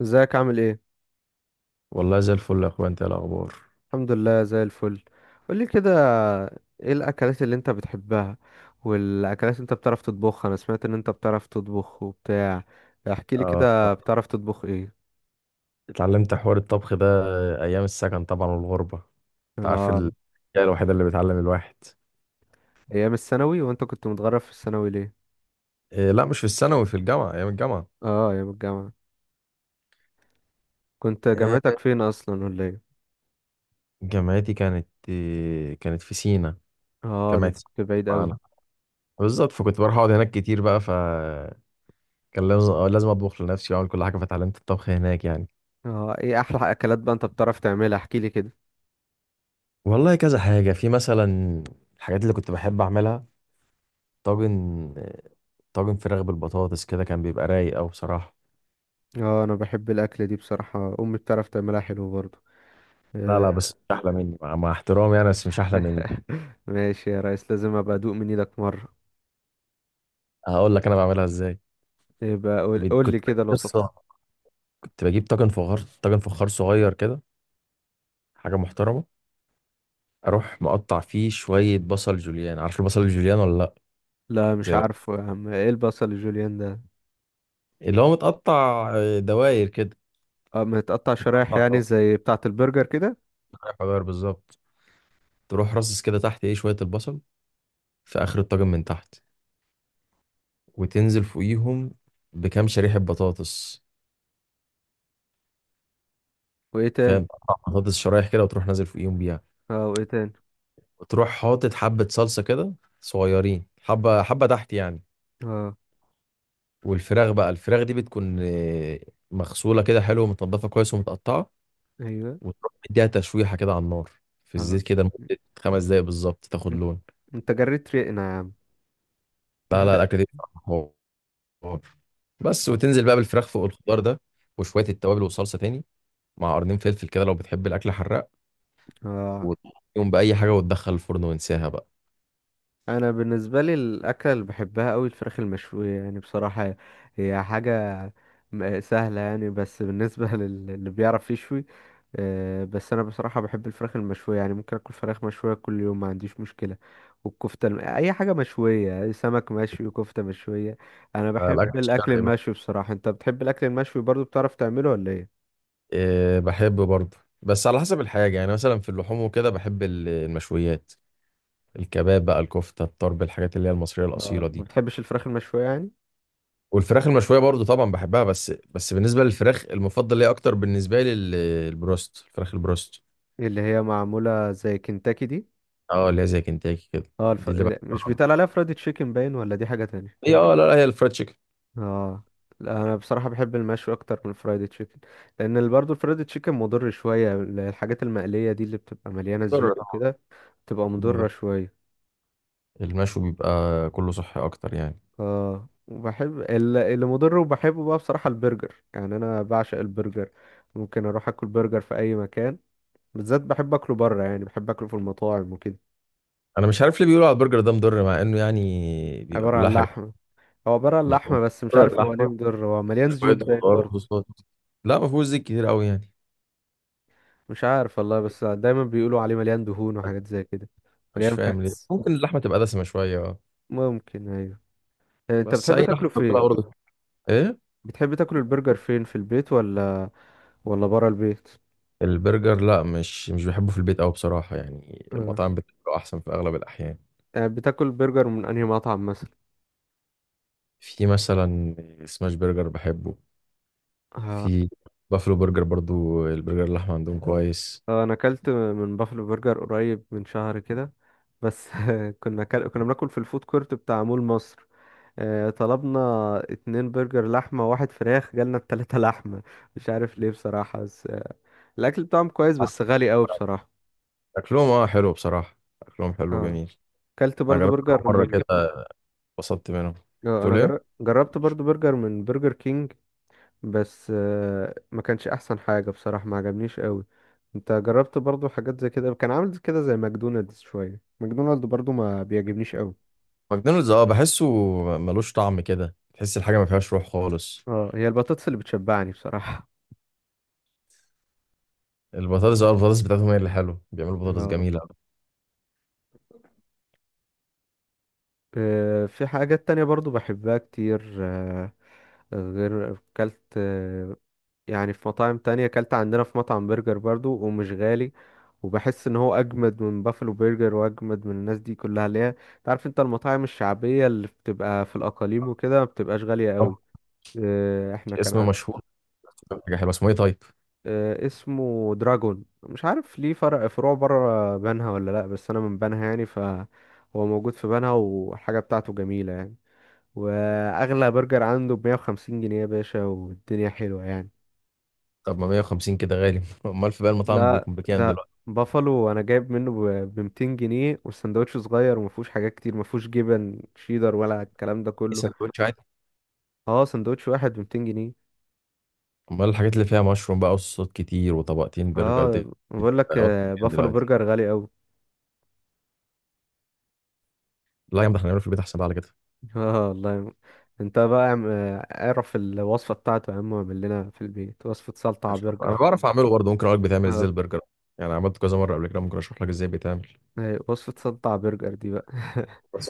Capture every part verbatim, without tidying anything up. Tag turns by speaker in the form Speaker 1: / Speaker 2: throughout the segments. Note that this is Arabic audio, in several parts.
Speaker 1: ازيك؟ عامل ايه؟
Speaker 2: والله زي الفل يا اخويا. انت إيه الاخبار؟
Speaker 1: الحمد لله، زي الفل. قولي كده. ايه الاكلات اللي انت بتحبها والاكلات اللي انت بتعرف تطبخها؟ انا سمعت ان انت بتعرف تطبخ وبتاع. احكي لي
Speaker 2: آه. آه.
Speaker 1: كده، بتعرف تطبخ ايه؟
Speaker 2: اتعلمت حوار الطبخ ده ايام السكن طبعا والغربه. انت عارف
Speaker 1: اه،
Speaker 2: الحاجه الوحيده اللي بتعلم الواحد.
Speaker 1: ايام الثانوي؟ وانت كنت متغرب في الثانوي ليه؟
Speaker 2: إيه، لا مش في الثانوي، في الجامعه، ايام الجامعه.
Speaker 1: اه، ايام الجامعة. كنت
Speaker 2: إيه.
Speaker 1: جامعتك فين اصلا ولا ايه؟
Speaker 2: جامعتي كانت إيه كانت في سينا.
Speaker 1: اه، ده
Speaker 2: جامعه
Speaker 1: انت
Speaker 2: سينا
Speaker 1: كنت
Speaker 2: مش
Speaker 1: بعيد قوي.
Speaker 2: معانا بالظبط، فكنت بروح اقعد هناك كتير بقى، فكان لازم آه، لازم اطبخ لنفسي واعمل كل حاجه، فاتعلمت الطبخ هناك يعني.
Speaker 1: اه، ايه احلى اكلات بقى انت بتعرف تعملها؟ احكي لي كده.
Speaker 2: والله كذا حاجة، في مثلا الحاجات اللي كنت بحب أعملها: طاجن، طاجن فراخ بالبطاطس كده، كان بيبقى رايق أوي بصراحة.
Speaker 1: اه، انا بحب الاكله دي بصراحه، امي بتعرف تعملها حلو برضه.
Speaker 2: لا لا، بس مش احلى مني، مع, مع احترامي يعني، بس مش احلى مني.
Speaker 1: ماشي يا ريس، لازم ابقى ادوق من ايدك مرة.
Speaker 2: هقول لك انا بعملها ازاي.
Speaker 1: يبقى قول
Speaker 2: بت-
Speaker 1: قول
Speaker 2: كنت
Speaker 1: لي
Speaker 2: بجيب
Speaker 1: كده الوصف.
Speaker 2: قصه، كنت بجيب طاجن فخار، طاجن فخار صغير كده، حاجه محترمه. اروح مقطع فيه شويه بصل جوليان. عارف البصل الجوليان ولا لا؟
Speaker 1: لا، مش
Speaker 2: زي ما-
Speaker 1: عارفه يا عم، ايه البصل الجوليان ده؟
Speaker 2: اللي هو متقطع، آه، دواير كده.
Speaker 1: اه، متقطع شرايح، يعني
Speaker 2: متقطع،
Speaker 1: زي بتاعة البرجر كده.
Speaker 2: دواير بالظبط. تروح رصص كده تحت ايه شويه البصل في اخر الطاجن من تحت، وتنزل فوقيهم بكام شريحه بطاطس.
Speaker 1: وايه تاني؟
Speaker 2: فاهم؟ بطاطس شرايح كده، وتروح نازل فوقيهم بيها.
Speaker 1: اه، وايه تاني؟
Speaker 2: وتروح حاطط حبة صلصة كده، صغيرين، حبة حبة تحت يعني.
Speaker 1: اه.
Speaker 2: والفراخ بقى، الفراخ دي بتكون آه، مغسولة كده حلو، ومتنضفة كويس، ومتقطعة.
Speaker 1: ايوه.
Speaker 2: وتروح مديها تشويحة كده على النار، في
Speaker 1: اه،
Speaker 2: الزيت كده لمدة خمس دقايق بالظبط، تاخد
Speaker 1: انت
Speaker 2: لون.
Speaker 1: انت جريت ريقنا يا عم.
Speaker 2: لا لا، الأكلة دي بصراحة حوار. بس
Speaker 1: اه.
Speaker 2: وتنزل بقى بالفراخ فوق الخضار ده، وشوية التوابل والصلصة تاني، مع قرنين فلفل كده لو بتحب الأكل حراق،
Speaker 1: آه.
Speaker 2: وتقوم بأي حاجة، وتدخل الفرن وانساها بقى.
Speaker 1: انا بالنسبه لي، الاكله اللي بحبها قوي الفراخ المشويه يعني بصراحه. هي حاجه م- سهله يعني، بس بالنسبه لل- اللي بيعرف يشوي. آه، بس انا بصراحه بحب الفراخ المشويه، يعني ممكن اكل فراخ مشويه كل يوم، ما عنديش مشكله. والكفته الم... اي حاجه مشويه، سمك مشوي، كفته مشويه. انا
Speaker 2: لا،
Speaker 1: بحب
Speaker 2: الأكل
Speaker 1: الاكل
Speaker 2: الشرقي بقى،
Speaker 1: المشوي بصراحه. انت بتحب الاكل المشوي برضو؟ بتعرف تعمله ولا ايه؟
Speaker 2: إيه بحب برضه، بس على حسب الحاجة يعني. مثلا في اللحوم وكده بحب ال- المشويات، الكباب بقى، الكفتة، الطرب، الحاجات اللي هي المصرية الأصيلة
Speaker 1: اه، ما
Speaker 2: دي.
Speaker 1: بتحبش الفراخ المشويه يعني؟
Speaker 2: والفراخ المشوية برضه طبعا بحبها، بس بس بالنسبة للفراخ المفضل ليا أكتر، بالنسبة لي ال- البروست، الفراخ البروست.
Speaker 1: اللي هي معموله زي كنتاكي دي؟
Speaker 2: اه، اللي هي زي كنتاكي كده،
Speaker 1: اه، الف...
Speaker 2: دي اللي
Speaker 1: مش
Speaker 2: بحبها.
Speaker 1: بيتقال عليها فرايد تشيكن باين؟ ولا دي حاجه تانية؟
Speaker 2: هي اه، لا لا، هي الفرايد تشيكن.
Speaker 1: اه. لا، انا بصراحه بحب المشوي اكتر من الفرايد تشيكن. لان ال- برضو الفرايد تشيكن مضر شويه، الحاجات المقليه دي اللي بتبقى مليانه
Speaker 2: ضر،
Speaker 1: زيوت وكده. تبقى
Speaker 2: طبعاً.
Speaker 1: مضرة شوية.
Speaker 2: المشوي بيبقى كله صحي أكتر يعني.
Speaker 1: اه، وبحب ال- اللي مضر، وبحبه بقى بصراحة البرجر، يعني انا بعشق البرجر. ممكن اروح اكل برجر في اي مكان. بالذات بحب اكله بره، يعني بحب اكله في المطاعم وكده.
Speaker 2: أنا مش عارف ليه بيقولوا على البرجر ده مضر، مع إنه يعني بيبقى
Speaker 1: عبارة
Speaker 2: كلها
Speaker 1: عن
Speaker 2: حاجات،
Speaker 1: لحمة. هو عبارة عن
Speaker 2: مضرة،
Speaker 1: لحمة، بس مش عارف هو ليه
Speaker 2: اللحمة،
Speaker 1: مضر، هو مليان
Speaker 2: شوية
Speaker 1: زيوت باين
Speaker 2: خضار
Speaker 1: برضه.
Speaker 2: وصوصات. لا، ما فيهوش زيت كتير قوي يعني.
Speaker 1: مش عارف والله، بس دايما بيقولوا عليه مليان دهون وحاجات زي كده.
Speaker 2: مش
Speaker 1: مليان
Speaker 2: فاهم ليه،
Speaker 1: فاتس.
Speaker 2: ممكن اللحمه تبقى دسمه شويه، اه.
Speaker 1: ممكن، ايوه. آه، انت
Speaker 2: بس
Speaker 1: بتحب
Speaker 2: اي لحمه
Speaker 1: تاكله
Speaker 2: بتبقى
Speaker 1: فين؟
Speaker 2: برضه. ايه،
Speaker 1: بتحب تاكل البرجر فين؟ في البيت ولا ولا بره البيت؟
Speaker 2: البرجر لا، مش مش بحبه في البيت قوي بصراحه يعني،
Speaker 1: آه.
Speaker 2: المطاعم بتبقى احسن في اغلب الاحيان.
Speaker 1: آه، بتاكل برجر من انهي مطعم مثلا؟
Speaker 2: في مثلا سماش برجر بحبه،
Speaker 1: آه،
Speaker 2: في بافلو برجر برضو، البرجر اللحمه عندهم كويس.
Speaker 1: آه، انا اكلت من بافلو برجر قريب من شهر كده. بس، كنا كل... كنا بناكل في الفود كورت بتاع مول مصر. آه، طلبنا اتنين برجر لحمة واحد فراخ، جالنا التلاتة لحمة. مش عارف ليه بصراحة، بس آه، الأكل بتاعهم كويس بس غالي قوي بصراحة.
Speaker 2: اكلهم اه حلو بصراحه، اكلهم حلو
Speaker 1: اه،
Speaker 2: جميل.
Speaker 1: اكلت
Speaker 2: انا
Speaker 1: برضو
Speaker 2: جربت كام
Speaker 1: برجر
Speaker 2: مره
Speaker 1: من.
Speaker 2: كده، اتبسطت منهم.
Speaker 1: آه، انا
Speaker 2: تقول ايه؟
Speaker 1: جر... جربت برضو برجر من برجر كينج. بس آه، ما كانش احسن حاجة بصراحة، ما عجبنيش قوي. انت جربت برضو حاجات زي كده؟ كان عامل كده زي ماكدونالدز، شوية، ماكدونالدز برضو ما بيعجبنيش قوي.
Speaker 2: ماكدونالدز اه، بحسه ملوش طعم كده، تحس الحاجه ما فيهاش روح خالص.
Speaker 1: اه، هي البطاطس اللي بتشبعني بصراحة.
Speaker 2: البطاطس اه، البطاطس بتاعتهم هي اللي حلوه، بيعملوا بطاطس
Speaker 1: اه.
Speaker 2: جميله.
Speaker 1: آه، في حاجات تانية برضو بحبها كتير، آه، غير كلت. يعني في مطاعم تانية، اكلت عندنا في مطعم برجر برضو ومش غالي. وبحس ان هو اجمد من بافلو برجر واجمد من الناس دي كلها، اللي هي. تعرف انت المطاعم الشعبية اللي بتبقى في الاقاليم وكده، ما بتبقاش غالية
Speaker 2: طب،
Speaker 1: قوي. آه، احنا كان عن...
Speaker 2: اسم مشهور، حاجه حلوه، اسمه ايه طيب؟
Speaker 1: آه، اسمه دراجون، مش عارف ليه فرع، فروع بره بنها ولا لا، بس انا من بنها يعني فهو موجود في بنها، والحاجة بتاعته جميلة يعني. واغلى برجر عنده بمية وخمسين جنيه يا باشا، والدنيا حلوة يعني.
Speaker 2: طب ما مية وخمسين كده غالي امال في بقى المطاعم
Speaker 1: لا،
Speaker 2: بيكون بكام
Speaker 1: ده
Speaker 2: دلوقتي؟
Speaker 1: بافالو، انا جايب منه ب مئتين جنيه، والسندوتش صغير وما فيهوش حاجات كتير، ما فيهوش جبن شيدر ولا الكلام ده
Speaker 2: ايه،
Speaker 1: كله.
Speaker 2: سندوتش عادي؟
Speaker 1: اه، سندوتش واحد ب مئتين جنيه.
Speaker 2: امال الحاجات اللي فيها مشروم بقى وصوصات كتير وطبقتين برجر دي،
Speaker 1: اه،
Speaker 2: دي
Speaker 1: بقول لك،
Speaker 2: بقى
Speaker 1: آه،
Speaker 2: بكام
Speaker 1: بافالو
Speaker 2: دلوقتي؟
Speaker 1: برجر غالي قوي.
Speaker 2: لا يا عم، ده احنا هنعمله في البيت احسن بقى على كده.
Speaker 1: اه والله. انت بقى اعم- آه، اعرف الوصفه بتاعته يا عم، واعمل لنا في البيت وصفه سلطه على
Speaker 2: هشوف، انا
Speaker 1: برجر.
Speaker 2: بعرف اعمله برضه، ممكن اقول لك بيتعمل ازاي
Speaker 1: اه،
Speaker 2: البرجر. يعني عملت كذا مره قبل كده، ممكن اشرح لك ازاي بيتعمل.
Speaker 1: أيوة، وصفه سلطه على برجر دي بقى.
Speaker 2: بس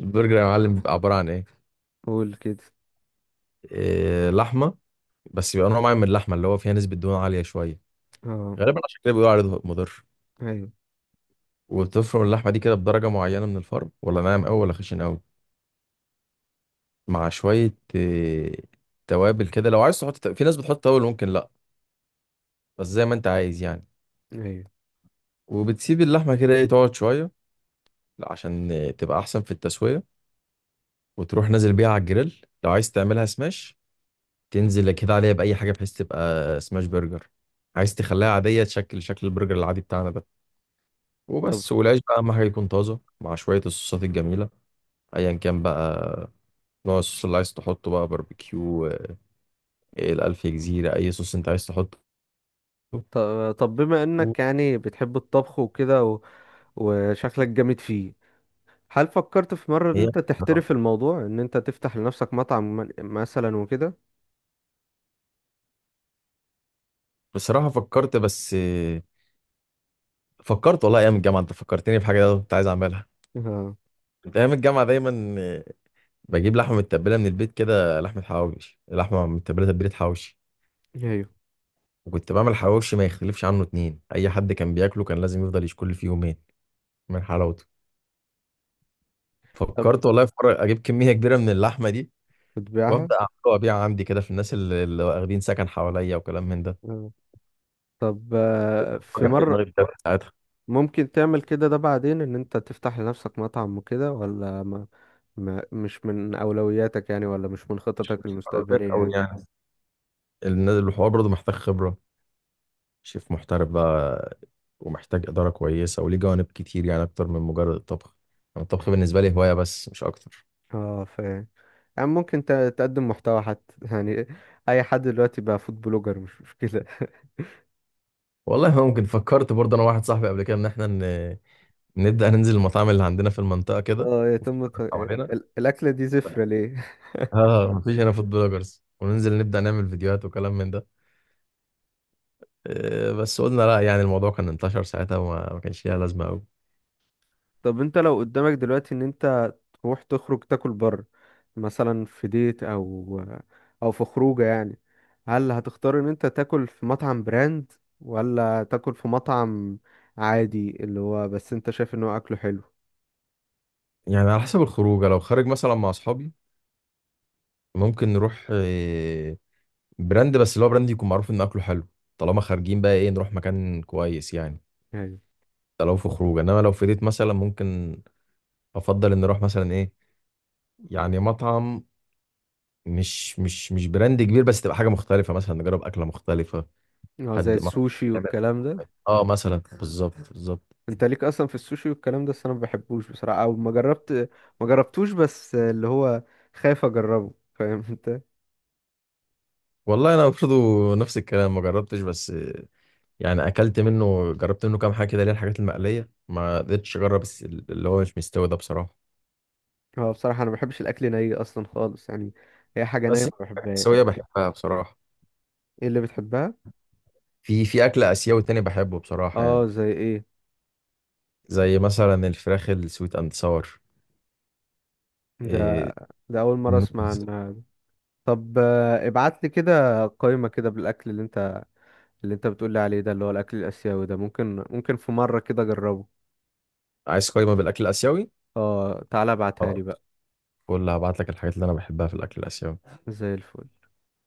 Speaker 2: البرجر يا معلم بيبقى عباره عن ايه,
Speaker 1: قول كده.
Speaker 2: إيه لحمه، بس بيبقى نوع معين من اللحمه اللي هو فيها نسبه دهون عاليه شويه،
Speaker 1: اه،
Speaker 2: غالبا عشان كده بيقولوا عليه مضر.
Speaker 1: ايوه،
Speaker 2: وبتفرم اللحمة دي كده بدرجة معينة من الفرم، ولا ناعم أوي ولا خشن أوي، مع شوية آه، توابل كده. لو عايز تحط، في ناس بتحط توابل، ممكن لأ، بس زي ما أنت عايز يعني.
Speaker 1: ايوه.
Speaker 2: وبتسيب اللحمة كده إيه تقعد شوية عشان آه، تبقى أحسن في التسوية. وتروح نازل بيها على الجريل لو عايز تعملها سماش، تنزل كده عليها بأي حاجة بحيث تبقى سماش برجر. عايز تخليها عادية، تشكل شكل البرجر العادي بتاعنا ده،
Speaker 1: طب،
Speaker 2: وبس. والعيش بقى أهم حاجة يكون طازة، مع شوية الصوصات الجميلة، أيا كان بقى نوع الصوص اللي عايز تحطه بقى: باربيكيو، ايه، الألف جزيرة، أي صوص أنت عايز تحطه.
Speaker 1: طب، طب، بما انك يعني بتحب الطبخ وكده، وشكلك جامد فيه. هل فكرت في مرة ان
Speaker 2: هي
Speaker 1: انت تحترف الموضوع، ان انت تفتح لنفسك مطعم م- مثلا وكده؟
Speaker 2: بصراحة فكرت، بس فكرت والله أيام الجامعة. أنت فكرتني بحاجة أنا كنت عايز أعملها.
Speaker 1: اه،
Speaker 2: كنت أيام الجامعة دايما بجيب لحمة متبلة من البيت كده، لحمة حواوش، لحمة متبلة تتبيلة حواوشي.
Speaker 1: ايوه.
Speaker 2: وكنت بعمل حواوشي ما يختلفش عنه اتنين، أي حد كان بياكله كان لازم يفضل يشكل فيه يومين من حلاوته.
Speaker 1: طب،
Speaker 2: فكرت والله في مرة أجيب كمية كبيرة من اللحمة دي،
Speaker 1: بتبيعها؟
Speaker 2: وأبدأ أعملها وأبيعها عندي كده، في الناس اللي, اللي واخدين سكن حواليا وكلام من ده.
Speaker 1: اه. طب، آه، في
Speaker 2: فكر في
Speaker 1: مرة
Speaker 2: دماغي.
Speaker 1: ممكن تعمل كده ده بعدين ان انت تفتح لنفسك مطعم وكده ولا ما ما مش من اولوياتك يعني، ولا مش من
Speaker 2: مش
Speaker 1: خططك
Speaker 2: مش على البيت
Speaker 1: المستقبلية
Speaker 2: قوي
Speaker 1: يعني؟
Speaker 2: يعني. الناس- الحوار برضه محتاج خبرة، شيف محترف بقى، ومحتاج إدارة كويسة، وليه جوانب كتير يعني، أكتر من مجرد الطبخ. يعني الطبخ بالنسبة لي هواية بس، مش أكتر.
Speaker 1: اه، ف يعني ممكن ت- تقدم محتوى حتى، يعني. اي حد دلوقتي بقى فود بلوجر، مش مشكلة.
Speaker 2: والله ممكن، فكرت برضه أنا واحد صاحبي قبل كده إن إحنا ن... نبدأ ننزل المطاعم اللي عندنا في المنطقة كده،
Speaker 1: اه،
Speaker 2: وفي
Speaker 1: يتم ت-
Speaker 2: بلد حوالينا.
Speaker 1: ال- ال- الاكلة دي زفرة ليه؟
Speaker 2: آه، مفيش هنا فود بلوجرز، وننزل نبدأ نعمل فيديوهات وكلام من ده. آه، بس قلنا لا، يعني الموضوع كان انتشر ساعتها وما ما كانش ليها لازمة أوي.
Speaker 1: طب، انت لو قدامك دلوقتي ان انت تروح تخرج تاكل بره، مثلا في ديت او او في خروجه يعني. هل هتختار ان انت تاكل في مطعم براند، ولا تاكل في مطعم عادي اللي هو بس انت شايف ان هو اكله حلو؟
Speaker 2: يعني على حسب الخروجة، لو خارج مثلا مع أصحابي ممكن نروح آه، براند، بس اللي هو براند يكون معروف ان اكله حلو، طالما خارجين بقى ايه نروح مكان كويس يعني.
Speaker 1: يعني.
Speaker 2: ده لو في خروج، انما لو في ديت مثلا، ممكن افضل ان نروح مثلا ايه، يعني مطعم مش مش مش براند كبير، بس تبقى حاجه مختلفه، مثلا نجرب اكله مختلفه.
Speaker 1: اه، زي
Speaker 2: حد ما
Speaker 1: السوشي
Speaker 2: يعمل-
Speaker 1: والكلام ده.
Speaker 2: اه، مثلا، بالظبط بالظبط.
Speaker 1: انت ليك اصلا في السوشي والكلام ده؟ بس انا ما بحبوش بصراحه، او ما جربت ما جربتوش، بس اللي هو خايف اجربه، فاهم انت؟
Speaker 2: والله انا برضه نفس الكلام، ما جربتش. بس يعني اكلت منه، جربت منه كام حاجه كده، اللي هي الحاجات المقليه. ما قدرتش اجرب الس- اللي هو مش مستوي ده بصراحه.
Speaker 1: هو بصراحه انا ما بحبش الاكل ني اصلا خالص يعني. هي حاجه نيه
Speaker 2: بس
Speaker 1: ما
Speaker 2: الحاجات
Speaker 1: بحبهاش.
Speaker 2: السويه بحبها بصراحه.
Speaker 1: ايه اللي بتحبها؟
Speaker 2: في في اكل اسيوي تاني بحبه بصراحه يعني،
Speaker 1: اه، زي ايه؟
Speaker 2: زي مثلا الفراخ السويت اند ساور.
Speaker 1: ده
Speaker 2: إيه،
Speaker 1: ده اول مره اسمع
Speaker 2: النودلز.
Speaker 1: عنها دي. طب، آه، ابعت لي كده قائمه كده بالاكل اللي انت اللي انت بتقول لي عليه ده اللي هو الاكل الاسيوي ده، ممكن ممكن في مره كده اجربه.
Speaker 2: عايز قايمه بالاكل الاسيوي؟
Speaker 1: اه، تعالى ابعتها
Speaker 2: خلاص،
Speaker 1: لي بقى.
Speaker 2: قول هبعت لك الحاجات اللي انا بحبها في الاكل الاسيوي.
Speaker 1: زي الفل.